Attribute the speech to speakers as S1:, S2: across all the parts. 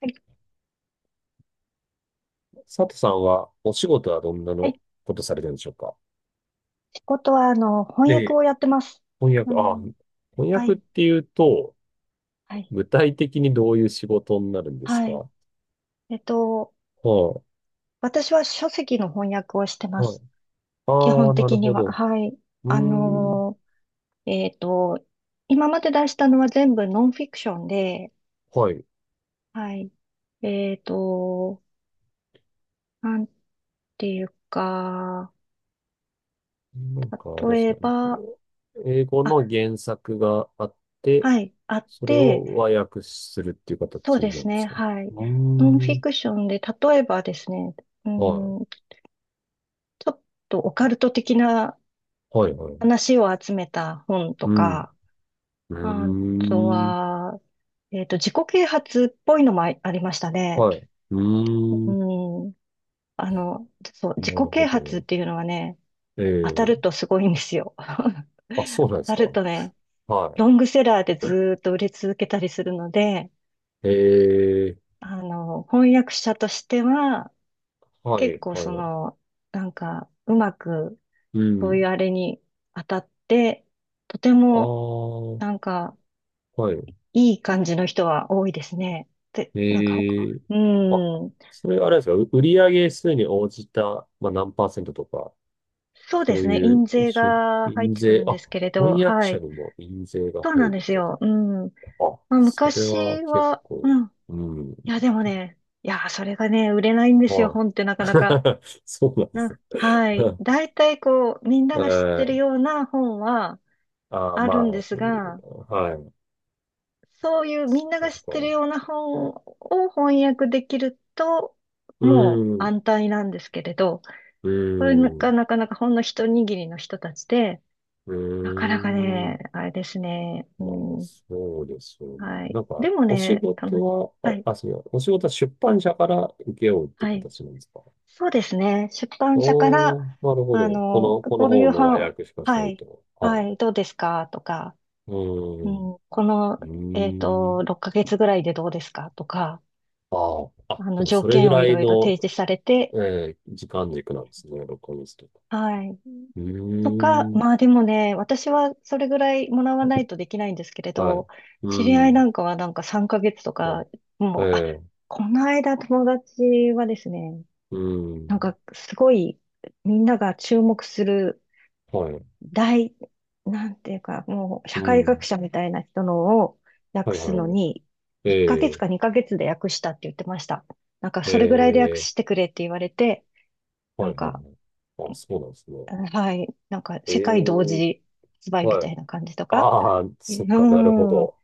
S1: はい、
S2: 佐藤さんはお仕事はどんな
S1: は
S2: の
S1: い。
S2: ことされてるんでしょうか？
S1: 仕事は、翻訳
S2: で、
S1: をやってます。
S2: 翻
S1: う
S2: 訳、ああ、
S1: ん、
S2: 翻
S1: は
S2: 訳っ
S1: い、
S2: ていうと、
S1: はい、
S2: 具体的にどういう仕事になるんです
S1: は
S2: か？
S1: い。
S2: は
S1: えっと、
S2: い、
S1: 私は書籍の翻訳をしてま
S2: はい。
S1: す。基
S2: あ
S1: 本
S2: あ、なる
S1: 的に
S2: ほ
S1: は。
S2: ど。
S1: はい。
S2: う
S1: あ
S2: ーん、
S1: のー、えっと、今まで出したのは全部ノンフィクションで、
S2: はい。
S1: はい。えっと、なんていうか、
S2: なんかあれです
S1: 例え
S2: かね。
S1: ば、
S2: 英語
S1: あ、
S2: の原作があって、
S1: はい、あっ
S2: それ
S1: て、
S2: を和訳するっていう
S1: そう
S2: 形
S1: で
S2: な
S1: す
S2: んで
S1: ね、
S2: すね。
S1: は
S2: う
S1: い。
S2: ー
S1: ノンフィ
S2: ん、
S1: クションで、例えばですね、う
S2: は
S1: ん、ちょっとオカルト的な
S2: い、はい、はい。
S1: 話を集めた本と
S2: うん、
S1: か、
S2: う
S1: あと
S2: ーん、
S1: は、自己啓発っぽいのもあありましたね。
S2: はい。うー
S1: う
S2: ん、
S1: ん。あの、そう、
S2: な
S1: 自
S2: る
S1: 己
S2: ほ
S1: 啓
S2: ど
S1: 発っ
S2: よ。
S1: ていうのはね、当
S2: え
S1: たる
S2: え、
S1: とすごいんですよ。
S2: あ、そうなんで
S1: 当
S2: す
S1: たる
S2: か。
S1: とね、
S2: は
S1: ロングセラーでずーっと売れ続けたりするので、
S2: い。ええ、
S1: 翻訳者としては、
S2: は
S1: 結
S2: い、
S1: 構
S2: は
S1: そ
S2: い。
S1: の、うまく、
S2: う
S1: そういう
S2: ん。
S1: あれに当たって、とて
S2: あ
S1: も
S2: あ、
S1: なんか、
S2: はい。
S1: いい感じの人は多いですね。で、なんかほか、
S2: ええ、
S1: う
S2: あ、
S1: ーん。
S2: それあれですか？売上数に応じた、まあ、何パーセントとか、
S1: そうで
S2: そう
S1: すね。
S2: い
S1: 印
S2: う、
S1: 税が入っ
S2: 印
S1: てく
S2: 税、
S1: るんで
S2: あ、
S1: すけれど、
S2: 翻訳
S1: は
S2: 者
S1: い。
S2: にも印税が
S1: そう
S2: 入
S1: なん
S2: る
S1: で
S2: っ
S1: す
S2: てこ
S1: よ。うん。
S2: とか。あ、
S1: まあ、
S2: それは
S1: 昔
S2: 結
S1: は、
S2: 構、
S1: うん。
S2: うん。
S1: いや、でもね、いや、それがね、売れないんですよ、
S2: はい。
S1: 本ってなかなか。
S2: そうなんで
S1: な
S2: すね。
S1: ん、はい。大体こう、みんなが知って
S2: え
S1: る
S2: え、
S1: ような本は
S2: ああ、
S1: あ
S2: ま
S1: る
S2: あ、
S1: んです
S2: うん、
S1: が、
S2: はい。
S1: そういう
S2: そ
S1: みんな
S2: っか、
S1: が
S2: そ
S1: 知って
S2: っ
S1: る
S2: か。
S1: ような本を翻訳できると、
S2: う
S1: もう
S2: ん。
S1: 安泰なんですけれど、
S2: う
S1: これが
S2: ん。
S1: なかなかほんの一握りの人たちで、なか
S2: う
S1: なか
S2: ん。
S1: ね、あれですね。
S2: まあ、
S1: うん、
S2: そうですよね。
S1: はい。
S2: なんか、
S1: でも
S2: お仕
S1: ね、楽し、
S2: 事は、
S1: はい、
S2: そうや、お仕事は出版社から請け負うって
S1: はい。
S2: 形なんですか？
S1: そうですね。出版社か
S2: おー、
S1: ら、
S2: なるほど。この、この
S1: この夕
S2: 本の和
S1: 飯、
S2: 訳しかサ
S1: は
S2: イ
S1: い、
S2: ト。は
S1: は
S2: い。
S1: い、どうですかとか、
S2: う
S1: う
S2: ーん。
S1: ん、この、
S2: うーん。
S1: 6ヶ月ぐらいでどうですかとか、
S2: ああ、あ、でも
S1: 条
S2: それぐ
S1: 件をい
S2: らい
S1: ろいろ
S2: の、
S1: 提示されて、
S2: 時間軸なんですね、録音室とか。
S1: はい。
S2: う
S1: とか、
S2: ーん。
S1: まあでもね、私はそれぐらいもらわないとできないんですけれ
S2: はい。
S1: ど、
S2: う
S1: 知り
S2: ー
S1: 合い
S2: ん。
S1: なんかはなんか3ヶ月と
S2: は
S1: か、
S2: い。
S1: もう、あ、
S2: ええ、
S1: この間友達はですね、
S2: うー
S1: なん
S2: ん。
S1: かすごいみんなが注目する
S2: はい。
S1: 大、なんていうか、もう社
S2: う
S1: 会学
S2: ん。
S1: 者みたいな人のを
S2: は
S1: 訳
S2: い
S1: す
S2: は
S1: の
S2: い。
S1: に、1
S2: え
S1: ヶ月
S2: え、
S1: か2ヶ月で訳したって言ってました。なんか
S2: え
S1: それぐらいで訳
S2: え、
S1: してくれって言われて、な
S2: は
S1: ん
S2: いはいは
S1: か、
S2: い。あ、そうなんですね。
S1: はい。なんか、
S2: え
S1: 世界同
S2: え、
S1: 時発売み
S2: は
S1: た
S2: い。
S1: いな感じとか。
S2: ああ、
S1: う
S2: そっか、なるほ
S1: ん。は
S2: ど。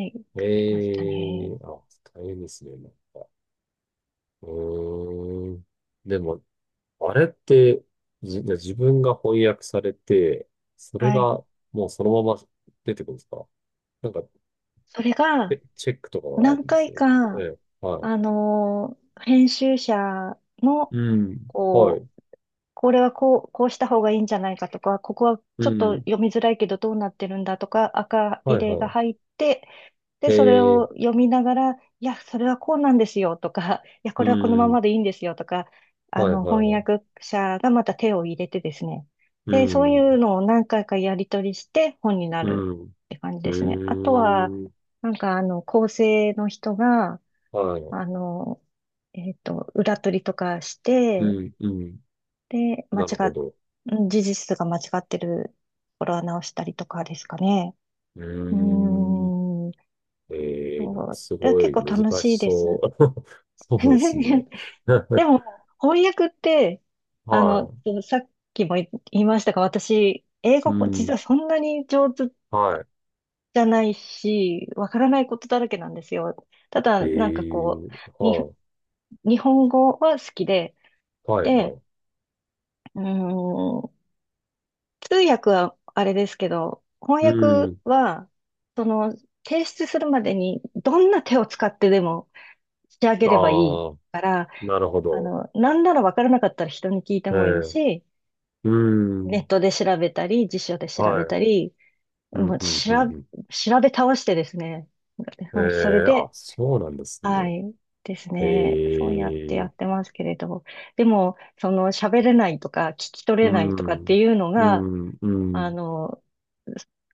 S1: い。出ました
S2: ええ、
S1: ね。
S2: あ、大変ですね、なんか。うーん。でも、あれって、自分が翻訳されて、それ
S1: はい。
S2: がもうそのまま出てくるんですか？なんか、
S1: それが、
S2: チェックとかがあ
S1: 何
S2: るんです
S1: 回
S2: よね。え
S1: か、
S2: え、はい。
S1: 編集者の、
S2: うん。は
S1: こ
S2: い。
S1: う、これはこう、こうした方がいいんじゃないかとか、ここは
S2: う
S1: ちょっと
S2: ん。
S1: 読みづらいけどどうなってるんだとか、赤
S2: は
S1: 入
S2: い
S1: れが
S2: は
S1: 入って、で、
S2: い。
S1: それ
S2: ええ、
S1: を読みながら、いや、それはこうなんですよとか、いや、
S2: う
S1: これはこのま
S2: ん。
S1: までいいんですよとか、
S2: はいはい
S1: 翻
S2: はい。
S1: 訳者がまた手を入れてですね。
S2: う
S1: で、そうい
S2: ん。
S1: うのを何回かやり取りして本にな
S2: う
S1: る
S2: ん。
S1: って感じ
S2: う
S1: ですね。あとは、
S2: ーん。
S1: なんか構成の人が、
S2: はい。
S1: あの、裏取りとかして、
S2: うん、うん。
S1: で、間違
S2: なるほ
S1: っ、
S2: ど。
S1: うん、事実が間違ってるところは直したりとかですかね。
S2: う
S1: うー
S2: ーん。
S1: ん、
S2: なん
S1: そ
S2: か
S1: う、
S2: す
S1: いや
S2: ご
S1: 結
S2: い
S1: 構
S2: 難
S1: 楽しい
S2: し
S1: で
S2: そ
S1: す。
S2: う。そうですね。
S1: で も、翻訳って、あの、
S2: は
S1: さっきも言いましたが、私、英
S2: い。う
S1: 語、実
S2: ん。
S1: はそんなに上手
S2: は
S1: じゃないし、わからないことだらけなんですよ。た
S2: い。
S1: だ、なんかこう、に、
S2: はい。
S1: 日本語は好きで、
S2: はい、は
S1: で、
S2: い。
S1: うーん、通訳はあれですけど、翻
S2: う
S1: 訳
S2: ん。
S1: は、その、提出するまでに、どんな手を使ってでも仕上げればいい
S2: ああ、
S1: から、
S2: なるほど。
S1: なんならわからなかったら人に聞いて
S2: え
S1: もいい
S2: え、
S1: し、
S2: う
S1: ネッ
S2: ん。
S1: トで調べたり、辞書で調べ
S2: はい。
S1: たり、
S2: う
S1: も
S2: ん、
S1: う
S2: うん、うん、うん。
S1: 調べ倒してですね。
S2: え
S1: まあそれ
S2: え、あ、
S1: で、
S2: そうなんです
S1: は
S2: ね。
S1: い、です
S2: え
S1: ね。そうやってや
S2: え、
S1: ってますけれど。でも、その喋れないとか、聞き取れ
S2: う
S1: ないとかって
S2: ん。
S1: いうの
S2: う
S1: が、
S2: ん、う
S1: あ
S2: ん。
S1: の、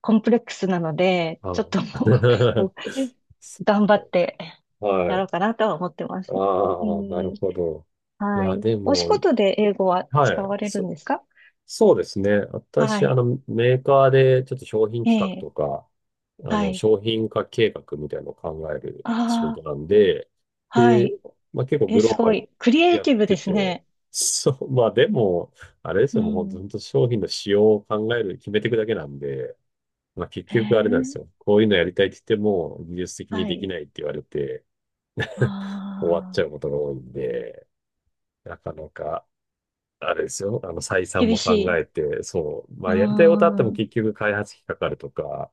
S1: コンプレックスなので、
S2: あ
S1: ちょっともう
S2: ー
S1: こう 頑張って
S2: は
S1: やろう
S2: い。
S1: かなとは思ってます。う
S2: ああ、なる
S1: ん、
S2: ほど。い
S1: は
S2: や、
S1: い。
S2: で
S1: お仕
S2: も、
S1: 事で英語は使
S2: はい。
S1: われるんですか？
S2: そうですね。
S1: は
S2: 私、あ
S1: い。
S2: の、メーカーでちょっと商品
S1: え
S2: 企画
S1: え、
S2: とか、あ
S1: は
S2: の、
S1: い。
S2: 商品化計画みたいなのを考える仕
S1: あ
S2: 事
S1: あ、
S2: なんで、
S1: は
S2: で、
S1: い。
S2: まあ、結構
S1: え、
S2: グロ
S1: す
S2: ーバ
S1: ご
S2: ル
S1: い。クリエ
S2: に
S1: イ
S2: やっ
S1: ティブで
S2: て
S1: す
S2: て、
S1: ね。
S2: そう、まあでも、あれです
S1: う
S2: よ、もう本当、
S1: ん。
S2: 本当商品の仕様を考える、決めていくだけなんで、まあ結
S1: え
S2: 局あれなんです
S1: ー、
S2: よ。こういうのやりたいって言っても、技術的に
S1: は
S2: でき
S1: い。
S2: ないって言われて、終わっち
S1: あ
S2: ゃう
S1: あ、
S2: ことが多いんで、なかなか、あれですよ、あの、採算
S1: 厳
S2: も考
S1: しい。
S2: えて、そう、ま
S1: うー
S2: あ、やりたいことあっても
S1: ん。
S2: 結局開発費かかるとか、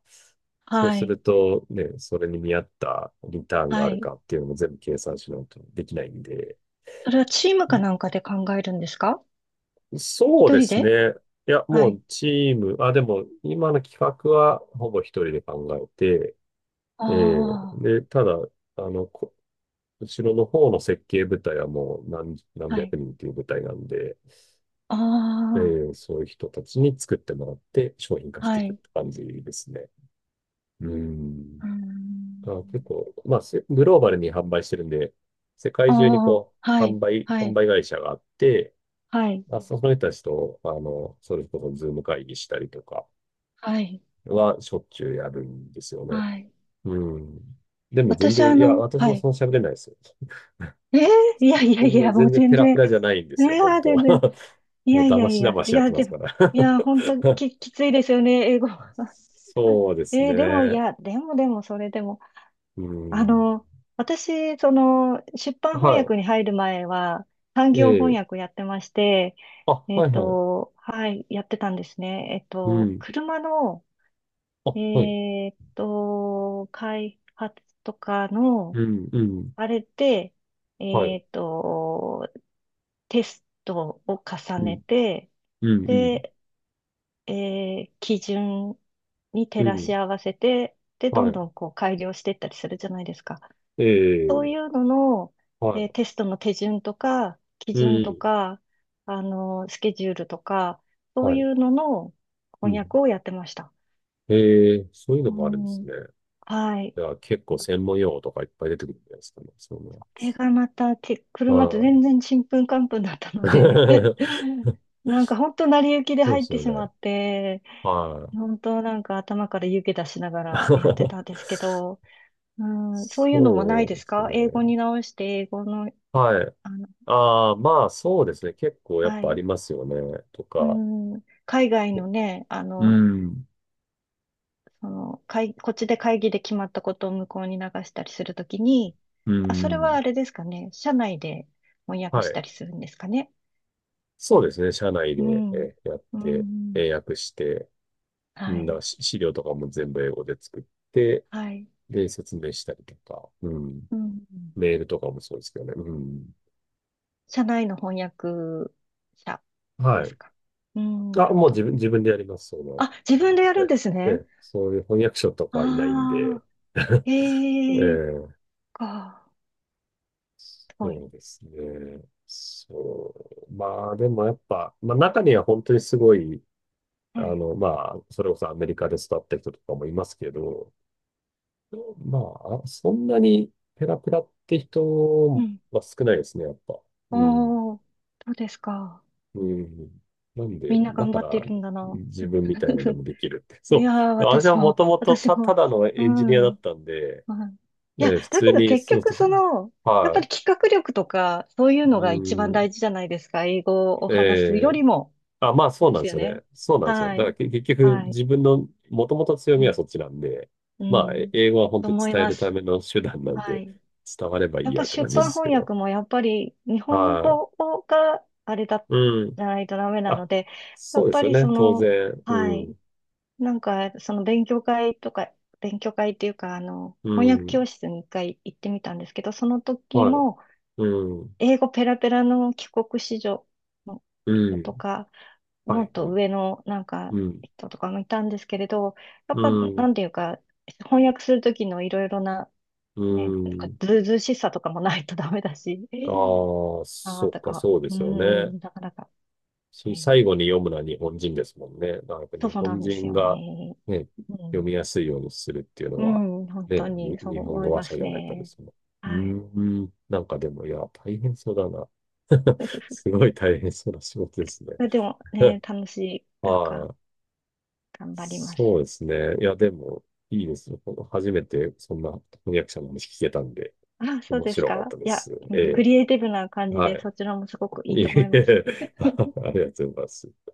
S2: そう
S1: は
S2: す
S1: い。
S2: るとね、それに見合ったリターンが
S1: は
S2: ある
S1: い。
S2: かっていうのも全部計算しないとできないんで、
S1: それはチームかなんかで考えるんですか？
S2: そう
S1: 一
S2: で
S1: 人
S2: す
S1: で？
S2: ね。いや、
S1: は
S2: も
S1: い。
S2: うチーム、あ、でも今の企画はほぼ一人で考えて、ええ、
S1: あ
S2: で、ただ、あの、後ろの方の設計部隊はもう何、
S1: あ、
S2: 何
S1: はい。
S2: 百人っていう部隊なんで、
S1: あ
S2: そういう人たちに作ってもらって商品化
S1: あ、
S2: して
S1: は
S2: いくっ
S1: い。
S2: て感じですね。うん。
S1: うー
S2: あ、結
S1: ん。
S2: 構、まあ、グローバルに販売してるんで、世
S1: あ
S2: 界中に
S1: あ、
S2: こう、
S1: は
S2: 販
S1: い。
S2: 売、
S1: は
S2: 販
S1: い。
S2: 売会社があって、
S1: はい。
S2: まあ、その人たちと、あの、それこそズーム会議したりとか
S1: はい。
S2: はしょっちゅうやるんですよね。
S1: はい。
S2: うん。でも全
S1: 私、
S2: 然、いや、私
S1: は
S2: も
S1: い。
S2: そんな喋れないですよ。
S1: えー、いやい や
S2: そ
S1: い
S2: んな
S1: や、もう
S2: 全然
S1: 全
S2: ペラ
S1: 然。
S2: ペラじゃないんで
S1: ね
S2: すよ、本
S1: え、
S2: 当
S1: 全然。い
S2: もう
S1: やい
S2: 騙
S1: やい
S2: し
S1: や、
S2: 騙
S1: い
S2: しやっ
S1: や、
S2: てま
S1: で
S2: す
S1: も、
S2: から
S1: いや、本当き、きついですよね、英語。
S2: そうです
S1: えーでも、い
S2: ね。
S1: や、でもでも、それでも、
S2: う
S1: あ
S2: ん。
S1: の、私、その、出版翻
S2: は
S1: 訳に入る前は、産
S2: い。
S1: 業
S2: え
S1: 翻
S2: え。
S1: 訳やってまして、
S2: あ、はいはい。
S1: はい、やってたんですね。
S2: うん。
S1: 車の、
S2: あ、はい。
S1: 開発とかの、
S2: うん、うん。
S1: あれで、
S2: はい。
S1: えっと、テストを重
S2: う
S1: ね
S2: ん、
S1: て、
S2: うん、う
S1: で、えー基準に
S2: ん。
S1: 照
S2: う
S1: らし
S2: ん。
S1: 合わせて、で、ど
S2: は
S1: ん
S2: い。
S1: どんこう改良していったりするじゃないですか。
S2: え
S1: そう
S2: え。
S1: いうのの、えー
S2: は
S1: テストの手順とか、基
S2: い。う
S1: 準と
S2: ん。
S1: か、あのスケジュールとか、そう
S2: は
S1: い
S2: い。
S1: うのの
S2: う
S1: 翻訳
S2: ん。
S1: をやってました。
S2: ええ、そういうの
S1: う
S2: もあるんです
S1: ん、
S2: ね。
S1: はい。
S2: じゃあ結構専門用語とかいっぱい出てくるんじゃないですかね。そういう
S1: これがまた、て、
S2: の
S1: 車
S2: は。
S1: と
S2: はい。
S1: 全然ちんぷんかんぷんだったので なんか本当成り行きで
S2: そうで
S1: 入っ
S2: す
S1: て
S2: よ
S1: しま
S2: ね。
S1: って、
S2: はい。
S1: 本当なんか頭から湯気出しながらやってたんで すけど、うん、そういうのもな
S2: そ
S1: い
S2: う
S1: で
S2: で
S1: す
S2: す
S1: か？英語
S2: ね。
S1: に直して、英語の、
S2: はい。
S1: あの、
S2: ああ、まあそうですね。結構やっ
S1: は
S2: ぱあり
S1: い。
S2: ますよね。と
S1: う
S2: か。
S1: ん、海外のね、
S2: うん。
S1: その、会こっちで会議で決まったことを向こうに流したりするときに、
S2: う
S1: あ、それはあ
S2: ん。
S1: れですかね。社内で翻訳
S2: は
S1: した
S2: い。
S1: りするんですかね。
S2: そうですね。社内
S1: う
S2: で、
S1: ん、
S2: やっ
S1: う
S2: て、
S1: ん、
S2: 英訳して、う
S1: は
S2: ん、だか
S1: い、
S2: ら資料とかも全部英語で作って、
S1: はい。
S2: で、説明したりとか、うん。
S1: うん、
S2: メールとかもそうですけどね。うん。
S1: 社内の翻訳者で
S2: はい。
S1: すか？うん、な
S2: あ、
S1: るほ
S2: もう自
S1: ど。
S2: 分、自分でやります。その、
S1: あ、自
S2: うん
S1: 分でやるん
S2: え、
S1: ですね。
S2: え、そういう翻訳者とかいないんで、
S1: ああ、
S2: え
S1: ええ
S2: え、
S1: か。はい。
S2: そうですね。そう。まあ、でもやっぱ、まあ中には本当にすごいあ
S1: はい。
S2: の、まあ、それこそアメリカで育った人とかもいますけど、まあ、そんなにペラペラって
S1: う
S2: 人
S1: ん。
S2: は少ないですね、やっぱ。
S1: あ
S2: うん。
S1: あ、そうですか。
S2: うん。なんで、
S1: みんな
S2: だ
S1: 頑
S2: か
S1: 張って
S2: ら、
S1: るんだな。う
S2: 自
S1: ん
S2: 分みたいので もできるって。
S1: い
S2: そ
S1: やー、
S2: う。私
S1: 私
S2: はも
S1: も、
S2: ともと
S1: 私も、
S2: ただの
S1: う
S2: エンジニアだ
S1: ん、
S2: ったんで、
S1: はい。いや、
S2: ね、普
S1: だ
S2: 通
S1: けど
S2: に、
S1: 結
S2: そう
S1: 局
S2: そうそ
S1: そ
S2: う。
S1: の、やっ
S2: は
S1: ぱり
S2: い。
S1: 企画力とか、そういうの
S2: う
S1: が一番
S2: ん。
S1: 大事じゃないですか。英語を話すよ
S2: ええ、
S1: りも。
S2: あ、まあそう
S1: で
S2: なん
S1: す
S2: で
S1: よ
S2: すよ
S1: ね。
S2: ね。そうなんですよ。だ
S1: は
S2: から
S1: い。
S2: 結局
S1: はい。
S2: 自分の元々強
S1: う
S2: みはそっちなんで、まあ
S1: ん。うん
S2: 英語は本
S1: と
S2: 当に
S1: 思い
S2: 伝え
S1: ま
S2: るた
S1: す。
S2: めの手段なん
S1: は
S2: で、
S1: い。
S2: 伝わればい
S1: や
S2: い
S1: っぱ
S2: やって感
S1: 出
S2: じで
S1: 版
S2: すけ
S1: 翻
S2: ど。
S1: 訳もやっぱり日本
S2: は
S1: 語
S2: い。
S1: があれだ、
S2: うん。
S1: じゃないとダメなの
S2: あ、
S1: で、や
S2: そう
S1: っ
S2: で
S1: ぱ
S2: すよ
S1: りそ
S2: ね。当
S1: の、
S2: 然。
S1: は
S2: う
S1: い、
S2: ん。
S1: なんかその勉強会とか、勉強会っていうか、
S2: う
S1: 翻訳
S2: ん。
S1: 教室に一回行ってみたんですけど、その時
S2: は
S1: も
S2: い。うん。
S1: 英語ペラペラの帰国子女の
S2: う
S1: 人と
S2: ん。
S1: か、
S2: は
S1: もっ
S2: い、は
S1: と
S2: い。
S1: 上のなんか
S2: うん。
S1: 人とかもいたんですけれど、やっ
S2: う
S1: ぱ
S2: ん。
S1: なんていうか、翻訳する時のいろいろな
S2: う
S1: ね、なんか
S2: ん。
S1: ずうずうしさとかもないと ダメだし、
S2: ああ、
S1: あ
S2: そ
S1: あ、
S2: っ
S1: と
S2: か、
S1: か、
S2: そうで
S1: う
S2: すよね。
S1: ん、なかなか、えー
S2: 最後に読むのは日本人ですもんね。だからやっぱ
S1: そ
S2: 日
S1: うな
S2: 本
S1: んです
S2: 人
S1: よ
S2: が
S1: ね。
S2: ね、
S1: う
S2: 読
S1: ん、
S2: みやすいようにするっていうの
S1: う
S2: は、
S1: ん、本当
S2: ね、
S1: にそう
S2: 日本
S1: 思
S2: 語
S1: い
S2: 話
S1: ま
S2: 者じ
S1: す
S2: ゃないとで
S1: ね。
S2: すね。うー
S1: はい。
S2: ん、なんかでも、いや、大変そうだな。
S1: ふふ
S2: すごい大変そうな仕事ですね。
S1: ふでもね、楽しい、なんか、
S2: はい。
S1: 頑張ります。
S2: そうですね。いや、でも、いいですよ。初めてそんな翻訳者の話聞けたんで、
S1: あ、そう
S2: 面
S1: です
S2: 白かっ
S1: か。
S2: たで
S1: いや、
S2: す。
S1: う
S2: え
S1: んク
S2: え。
S1: リエイティブな感じ
S2: は
S1: で、
S2: い。
S1: そちらもすごくいい
S2: いえ
S1: と思い
S2: い
S1: ます。
S2: え ありがとうございます。